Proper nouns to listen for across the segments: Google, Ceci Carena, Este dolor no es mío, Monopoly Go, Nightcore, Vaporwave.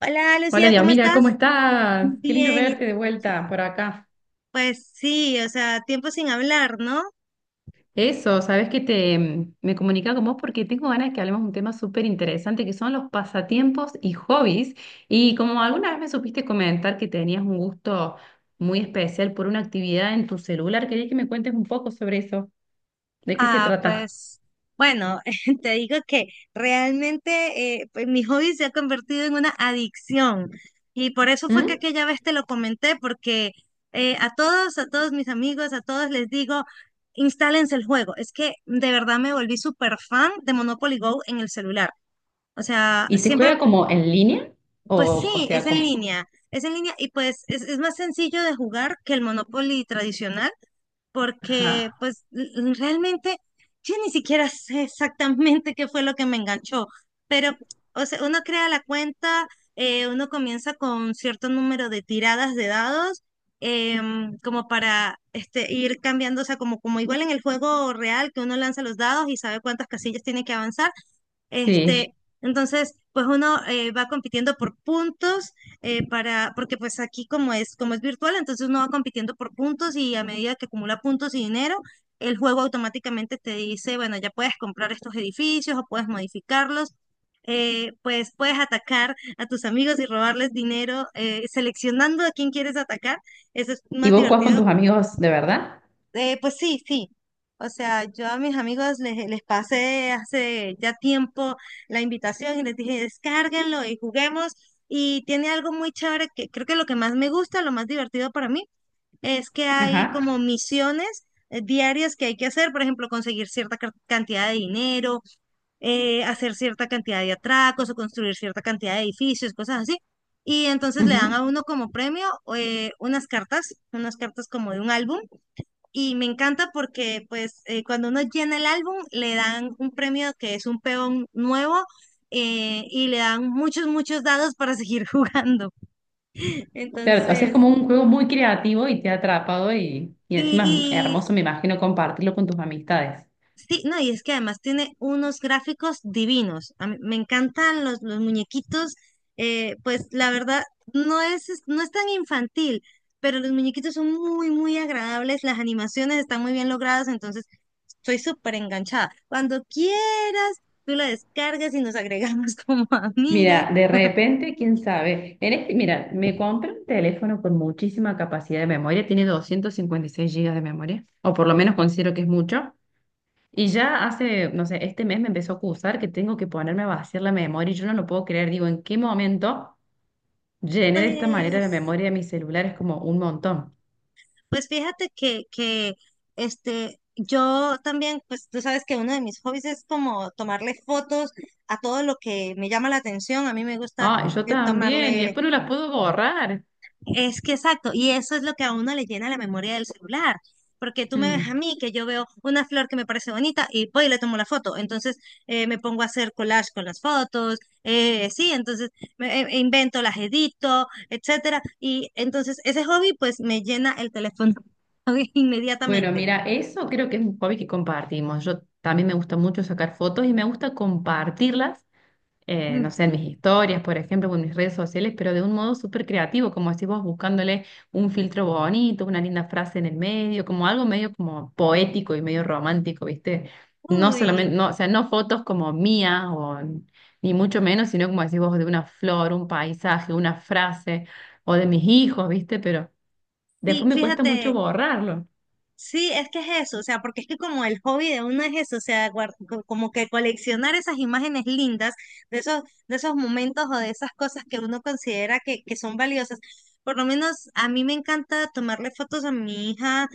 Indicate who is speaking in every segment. Speaker 1: Hola,
Speaker 2: Hola,
Speaker 1: Lucía,
Speaker 2: Dios,
Speaker 1: ¿cómo
Speaker 2: mira, ¿cómo
Speaker 1: estás?
Speaker 2: estás? Qué lindo
Speaker 1: Bien, y
Speaker 2: verte de vuelta por acá.
Speaker 1: pues sí, o sea, tiempo sin hablar, ¿no?
Speaker 2: Eso, sabes que me comunicaba con vos porque tengo ganas de que hablemos de un tema súper interesante que son los pasatiempos y hobbies. Y como alguna vez me supiste comentar que tenías un gusto muy especial por una actividad en tu celular, quería que me cuentes un poco sobre eso. ¿De qué se
Speaker 1: Ah,
Speaker 2: trata?
Speaker 1: pues bueno, te digo que realmente pues, mi hobby se ha convertido en una adicción y por eso fue que
Speaker 2: ¿Mm?
Speaker 1: aquella vez te lo comenté, porque a todos mis amigos, a todos les digo, instálense el juego. Es que de verdad me volví súper fan de Monopoly Go en el celular. O sea,
Speaker 2: ¿Y se
Speaker 1: siempre.
Speaker 2: juega como en línea?
Speaker 1: Pues
Speaker 2: O, o
Speaker 1: sí,
Speaker 2: sea, como.
Speaker 1: es en línea y pues es más sencillo de jugar que el Monopoly tradicional porque
Speaker 2: Ajá.
Speaker 1: pues realmente yo ni siquiera sé exactamente qué fue lo que me enganchó, pero o sea, uno crea la cuenta, uno comienza con cierto número de tiradas de dados, como para ir cambiando, o sea, como igual en el juego real que uno lanza los dados y sabe cuántas casillas tiene que avanzar,
Speaker 2: Sí.
Speaker 1: este, entonces, pues uno va compitiendo por puntos, porque pues aquí como como es virtual, entonces uno va compitiendo por puntos y a medida que acumula puntos y dinero, el juego automáticamente te dice, bueno, ya puedes comprar estos edificios o puedes modificarlos. Pues puedes atacar a tus amigos y robarles dinero, seleccionando a quién quieres atacar. Eso es
Speaker 2: ¿Y
Speaker 1: más
Speaker 2: vos jugás con tus
Speaker 1: divertido.
Speaker 2: amigos de verdad?
Speaker 1: Pues sí, sí. O sea, yo a mis amigos les pasé hace ya tiempo la invitación y les dije, descárguenlo y juguemos. Y tiene algo muy chévere que creo que lo que más me gusta, lo más divertido para mí, es que hay
Speaker 2: Ajá.
Speaker 1: como misiones diarias que hay que hacer. Por ejemplo, conseguir cierta cantidad de dinero, hacer cierta cantidad de atracos o construir cierta cantidad de edificios, cosas así. Y entonces le dan a uno como premio unas cartas como de un álbum, y me encanta porque pues cuando uno llena el álbum le dan un premio que es un peón nuevo, y le dan muchos, muchos dados para seguir jugando.
Speaker 2: Claro, o sea, es
Speaker 1: Entonces,
Speaker 2: como un juego muy creativo y te ha atrapado y encima es hermoso,
Speaker 1: y
Speaker 2: me imagino, compartirlo con tus amistades.
Speaker 1: sí, no, y es que además tiene unos gráficos divinos. A mí me encantan los muñequitos. Pues la verdad, no es tan infantil, pero los muñequitos son muy, muy agradables. Las animaciones están muy bien logradas, entonces soy súper enganchada. Cuando quieras, tú la descargas y nos agregamos como amigas.
Speaker 2: Mira, de repente, quién sabe. En este, mira, me compré un teléfono con muchísima capacidad de memoria, tiene 256 GB de memoria, o por lo menos considero que es mucho. Y ya hace, no sé, este mes me empezó a acusar que tengo que ponerme a vaciar la memoria y yo no lo puedo creer. Digo, ¿en qué momento llené de esta manera la
Speaker 1: Pues,
Speaker 2: memoria de mi celular? Es como un montón.
Speaker 1: pues fíjate que yo también, pues tú sabes que uno de mis hobbies es como tomarle fotos a todo lo que me llama la atención. A mí me gusta
Speaker 2: Ah, yo también, y
Speaker 1: tomarle
Speaker 2: después no las puedo borrar.
Speaker 1: Es que exacto, y eso es lo que a uno le llena la memoria del celular, porque tú me ves a
Speaker 2: Mm.
Speaker 1: mí que yo veo una flor que me parece bonita y voy y le tomo la foto, entonces me pongo a hacer collage con las fotos, sí, entonces e invento, las edito, etcétera, y entonces ese hobby pues me llena el teléfono
Speaker 2: Bueno,
Speaker 1: inmediatamente.
Speaker 2: mira, eso creo que es un hobby que compartimos. Yo también me gusta mucho sacar fotos y me gusta compartirlas,
Speaker 1: Mm.
Speaker 2: no sé, en mis historias, por ejemplo, o en mis redes sociales, pero de un modo súper creativo, como decís vos, buscándole un filtro bonito, una linda frase en el medio, como algo medio como poético y medio romántico, ¿viste? No
Speaker 1: Uy,
Speaker 2: solamente, no, o sea, no fotos como mías o ni mucho menos, sino como decís vos, de una flor, un paisaje, una frase, o de mis hijos, ¿viste? Pero
Speaker 1: sí,
Speaker 2: después me cuesta mucho
Speaker 1: fíjate,
Speaker 2: borrarlo.
Speaker 1: sí, es que es eso, o sea, porque es que como el hobby de uno es eso, o sea, como que coleccionar esas imágenes lindas de esos, de esos momentos o de esas cosas que uno considera que son valiosas. Por lo menos a mí me encanta tomarle fotos a mi hija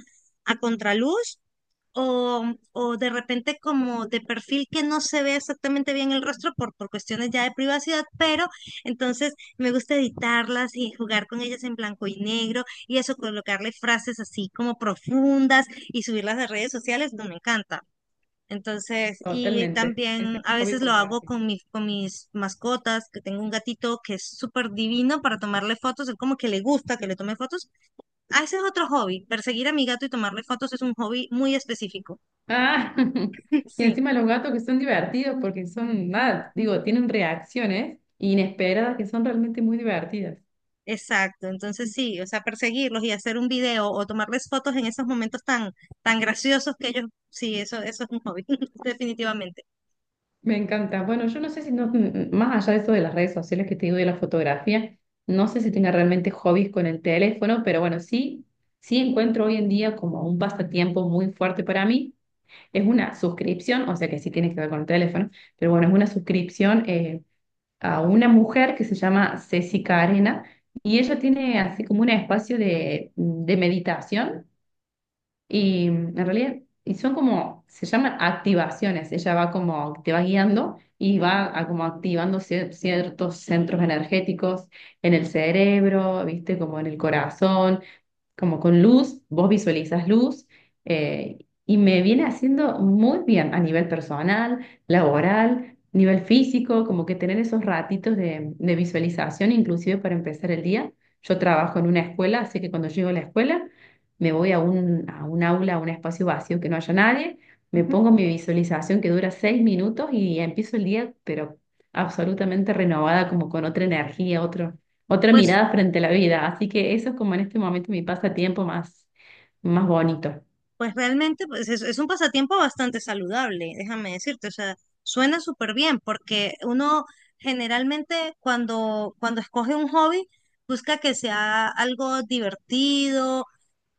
Speaker 1: a contraluz o de repente como de perfil que no se ve exactamente bien el rostro por cuestiones ya de privacidad, pero entonces me gusta editarlas y jugar con ellas en blanco y negro y eso, colocarle frases así como profundas y subirlas a redes sociales, no me encanta. Entonces, y
Speaker 2: Totalmente. Ese es
Speaker 1: también a
Speaker 2: un hobby
Speaker 1: veces lo hago
Speaker 2: compartido.
Speaker 1: con con mis mascotas, que tengo un gatito que es súper divino para tomarle fotos, él como que le gusta que le tome fotos. Ah, ese es otro hobby, perseguir a mi gato y tomarle fotos es un hobby muy específico.
Speaker 2: Ah, y
Speaker 1: Sí,
Speaker 2: encima los gatos que son divertidos porque son, nada, digo, tienen reacciones inesperadas que son realmente muy divertidas.
Speaker 1: exacto. Entonces sí, o sea, perseguirlos y hacer un video o tomarles fotos en esos momentos tan, tan graciosos que ellos, sí, eso es un hobby, definitivamente.
Speaker 2: Me encanta. Bueno, yo no sé si, no, más allá de eso de las redes sociales que te digo de la fotografía, no sé si tenga realmente hobbies con el teléfono, pero bueno, sí, sí encuentro hoy en día como un pasatiempo muy fuerte para mí. Es una suscripción, o sea que sí tiene que ver con el teléfono, pero bueno, es una suscripción. A una mujer que se llama Ceci Carena y ella tiene así como un espacio de meditación y en realidad y son como, se llaman activaciones, ella va como, te va guiando y va a como activando ciertos centros energéticos en el cerebro, viste, como en el corazón, como con luz, vos visualizas luz, eh, y me viene haciendo muy bien a nivel personal, laboral, nivel físico, como que tener esos ratitos de visualización, inclusive para empezar el día. Yo trabajo en una escuela, así que cuando llego a la escuela me voy a a un aula, a un espacio vacío que no haya nadie, me
Speaker 1: Ujú.
Speaker 2: pongo mi visualización que dura 6 minutos y empiezo el día, pero absolutamente renovada, como con otra energía, otra
Speaker 1: Pues,
Speaker 2: mirada frente a la vida. Así que eso es como en este momento mi pasatiempo más, más bonito.
Speaker 1: pues realmente es un pasatiempo bastante saludable, déjame decirte. O sea, suena súper bien porque uno generalmente cuando escoge un hobby busca que sea algo divertido,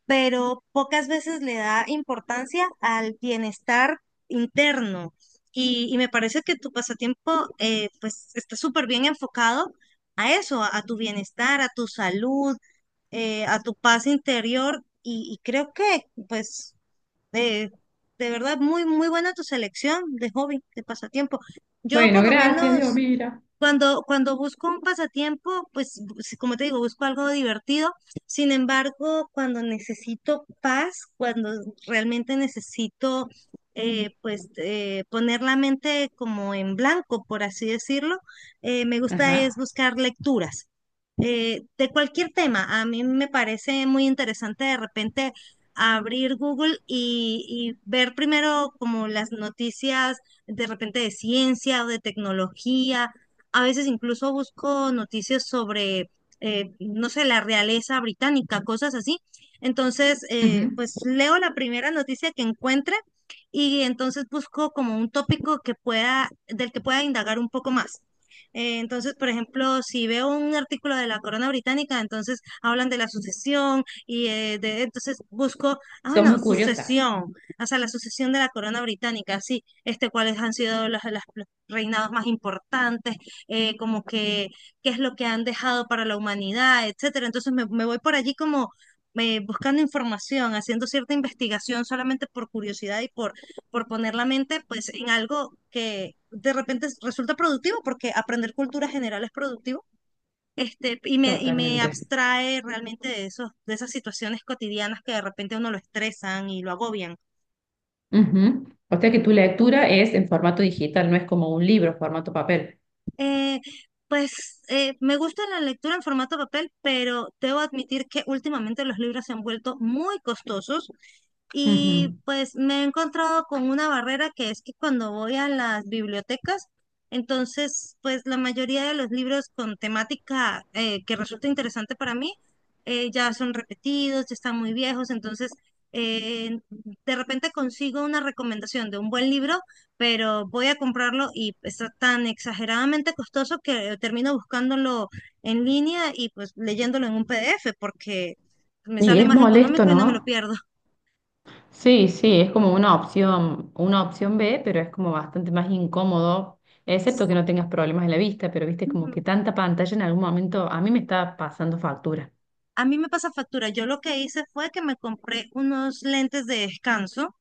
Speaker 1: pero pocas veces le da importancia al bienestar interno. Y me parece que tu pasatiempo, pues está súper bien enfocado a eso, a tu bienestar, a tu salud, a tu paz interior. Y creo que pues eh, de verdad, muy, muy buena tu selección de hobby, de pasatiempo. Yo
Speaker 2: Bueno,
Speaker 1: por lo
Speaker 2: gracias, Dios,
Speaker 1: menos
Speaker 2: mira.
Speaker 1: cuando busco un pasatiempo, pues como te digo, busco algo divertido. Sin embargo, cuando necesito paz, cuando realmente necesito poner la mente como en blanco, por así decirlo, me gusta es
Speaker 2: Ajá.
Speaker 1: buscar lecturas de cualquier tema. A mí me parece muy interesante de repente abrir Google y ver primero como las noticias de repente de ciencia o de tecnología. A veces incluso busco noticias sobre, no sé, la realeza británica, cosas así. Entonces,
Speaker 2: Ujú.
Speaker 1: pues leo la primera noticia que encuentre y entonces busco como un tópico que del que pueda indagar un poco más. Entonces, por ejemplo, si veo un artículo de la Corona Británica, entonces hablan de la sucesión, y entonces busco, ah,
Speaker 2: Sos
Speaker 1: bueno,
Speaker 2: muy curiosa.
Speaker 1: sucesión, o sea, la sucesión de la corona británica, sí, este, cuáles han sido los reinados más importantes, como que qué es lo que han dejado para la humanidad, etcétera. Entonces me voy por allí como buscando información, haciendo cierta investigación solamente por curiosidad y por poner la mente pues en algo que de repente resulta productivo, porque aprender cultura general es productivo, este, y me
Speaker 2: Totalmente.
Speaker 1: abstrae realmente de esos, de esas situaciones cotidianas que de repente a uno lo estresan y lo agobian.
Speaker 2: Ujú. O sea que tu lectura es en formato digital, no es como un libro, formato papel.
Speaker 1: Eh, Me gusta la lectura en formato papel, pero debo admitir que últimamente los libros se han vuelto muy costosos. Y
Speaker 2: Ujú.
Speaker 1: pues me he encontrado con una barrera que es que cuando voy a las bibliotecas, entonces pues la mayoría de los libros con temática que resulta interesante para mí ya son repetidos, ya están muy viejos, entonces de repente consigo una recomendación de un buen libro, pero voy a comprarlo y está tan exageradamente costoso que termino buscándolo en línea y pues leyéndolo en un PDF porque me
Speaker 2: Y
Speaker 1: sale
Speaker 2: es
Speaker 1: más
Speaker 2: molesto,
Speaker 1: económico y no me lo
Speaker 2: ¿no?
Speaker 1: pierdo.
Speaker 2: Sí, sí, es como una opción B, pero es como bastante más incómodo, excepto que no tengas problemas en la vista, pero viste como
Speaker 1: Mm.
Speaker 2: que tanta pantalla en algún momento a mí me está pasando factura.
Speaker 1: A mí me pasa factura. Yo lo que hice fue que me compré unos lentes de descanso,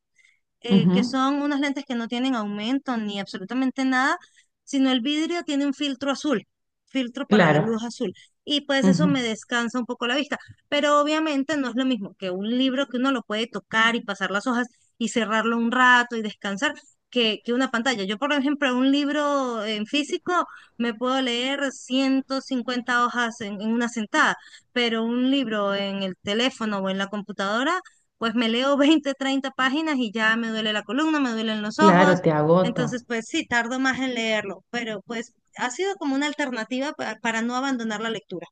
Speaker 1: que
Speaker 2: Ujú.
Speaker 1: son unas lentes que no tienen aumento ni absolutamente nada, sino el vidrio tiene un filtro azul, filtro para la luz
Speaker 2: Claro,
Speaker 1: azul. Y pues eso
Speaker 2: ujú.
Speaker 1: me descansa un poco la vista. Pero obviamente no es lo mismo que un libro que uno lo puede tocar y pasar las hojas y cerrarlo un rato y descansar. Que una pantalla. Yo, por ejemplo, un libro en físico me puedo leer 150 hojas en una sentada, pero un libro en el teléfono o en la computadora pues me leo 20, 30 páginas y ya me duele la columna, me duelen los ojos.
Speaker 2: Claro, te agota.
Speaker 1: Entonces, pues sí, tardo más en leerlo, pero pues ha sido como una alternativa para no abandonar la lectura.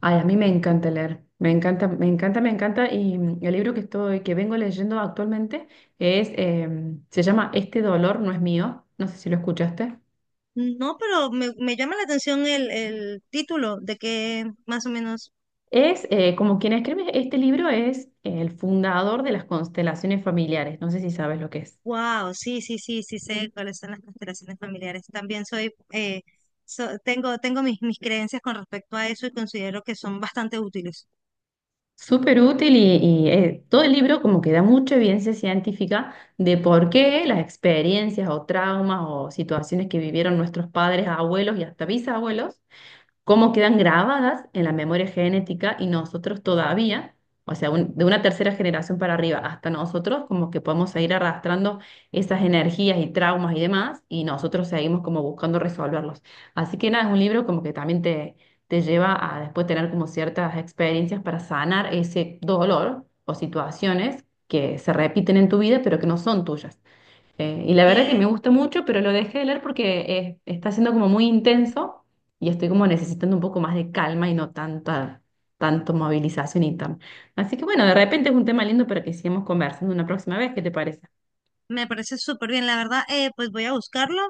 Speaker 2: Ay, a mí me encanta leer, me encanta, me encanta, me encanta. Y el libro que estoy, que vengo leyendo actualmente es, se llama Este dolor no es mío. No sé si lo escuchaste.
Speaker 1: No, pero me llama la atención el título, de que más o menos.
Speaker 2: Es como quien escribe este libro es el fundador de las constelaciones familiares. No sé si sabes lo que es.
Speaker 1: Wow, sí, sí, sí, sí sé cuáles son las constelaciones familiares. También soy, tengo mis creencias con respecto a eso y considero que son bastante útiles.
Speaker 2: Súper útil y, todo el libro como que da mucha evidencia científica de por qué las experiencias o traumas o situaciones que vivieron nuestros padres, abuelos y hasta bisabuelos cómo quedan grabadas en la memoria genética y nosotros todavía, o sea, de una tercera generación para arriba hasta nosotros, como que podemos seguir arrastrando esas energías y traumas y demás, y nosotros seguimos como buscando resolverlos. Así que nada, es un libro como que también te lleva a después tener como ciertas experiencias para sanar ese dolor o situaciones que se repiten en tu vida, pero que no son tuyas. Y la verdad que me gusta mucho, pero lo dejé de leer porque está siendo como muy intenso y estoy como necesitando un poco más de calma y no tanta, tanto movilización y tan. Así que bueno, de repente es un tema lindo para que sigamos conversando una próxima vez, ¿qué te parece?
Speaker 1: Me parece súper bien, la verdad, pues voy a buscarlo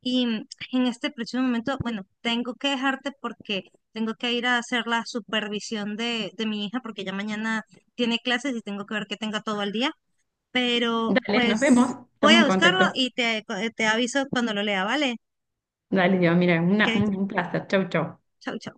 Speaker 1: y mm, en este preciso momento, bueno, tengo que dejarte porque tengo que ir a hacer la supervisión de mi hija, porque ya mañana tiene clases y tengo que ver que tenga todo el día, pero
Speaker 2: Dale, nos vemos,
Speaker 1: pues voy
Speaker 2: estamos en
Speaker 1: a buscarlo
Speaker 2: contacto.
Speaker 1: y te aviso cuando lo lea, ¿vale?
Speaker 2: Dale, Dios, mira,
Speaker 1: Que
Speaker 2: un placer. Chau, chau.
Speaker 1: chau, chau.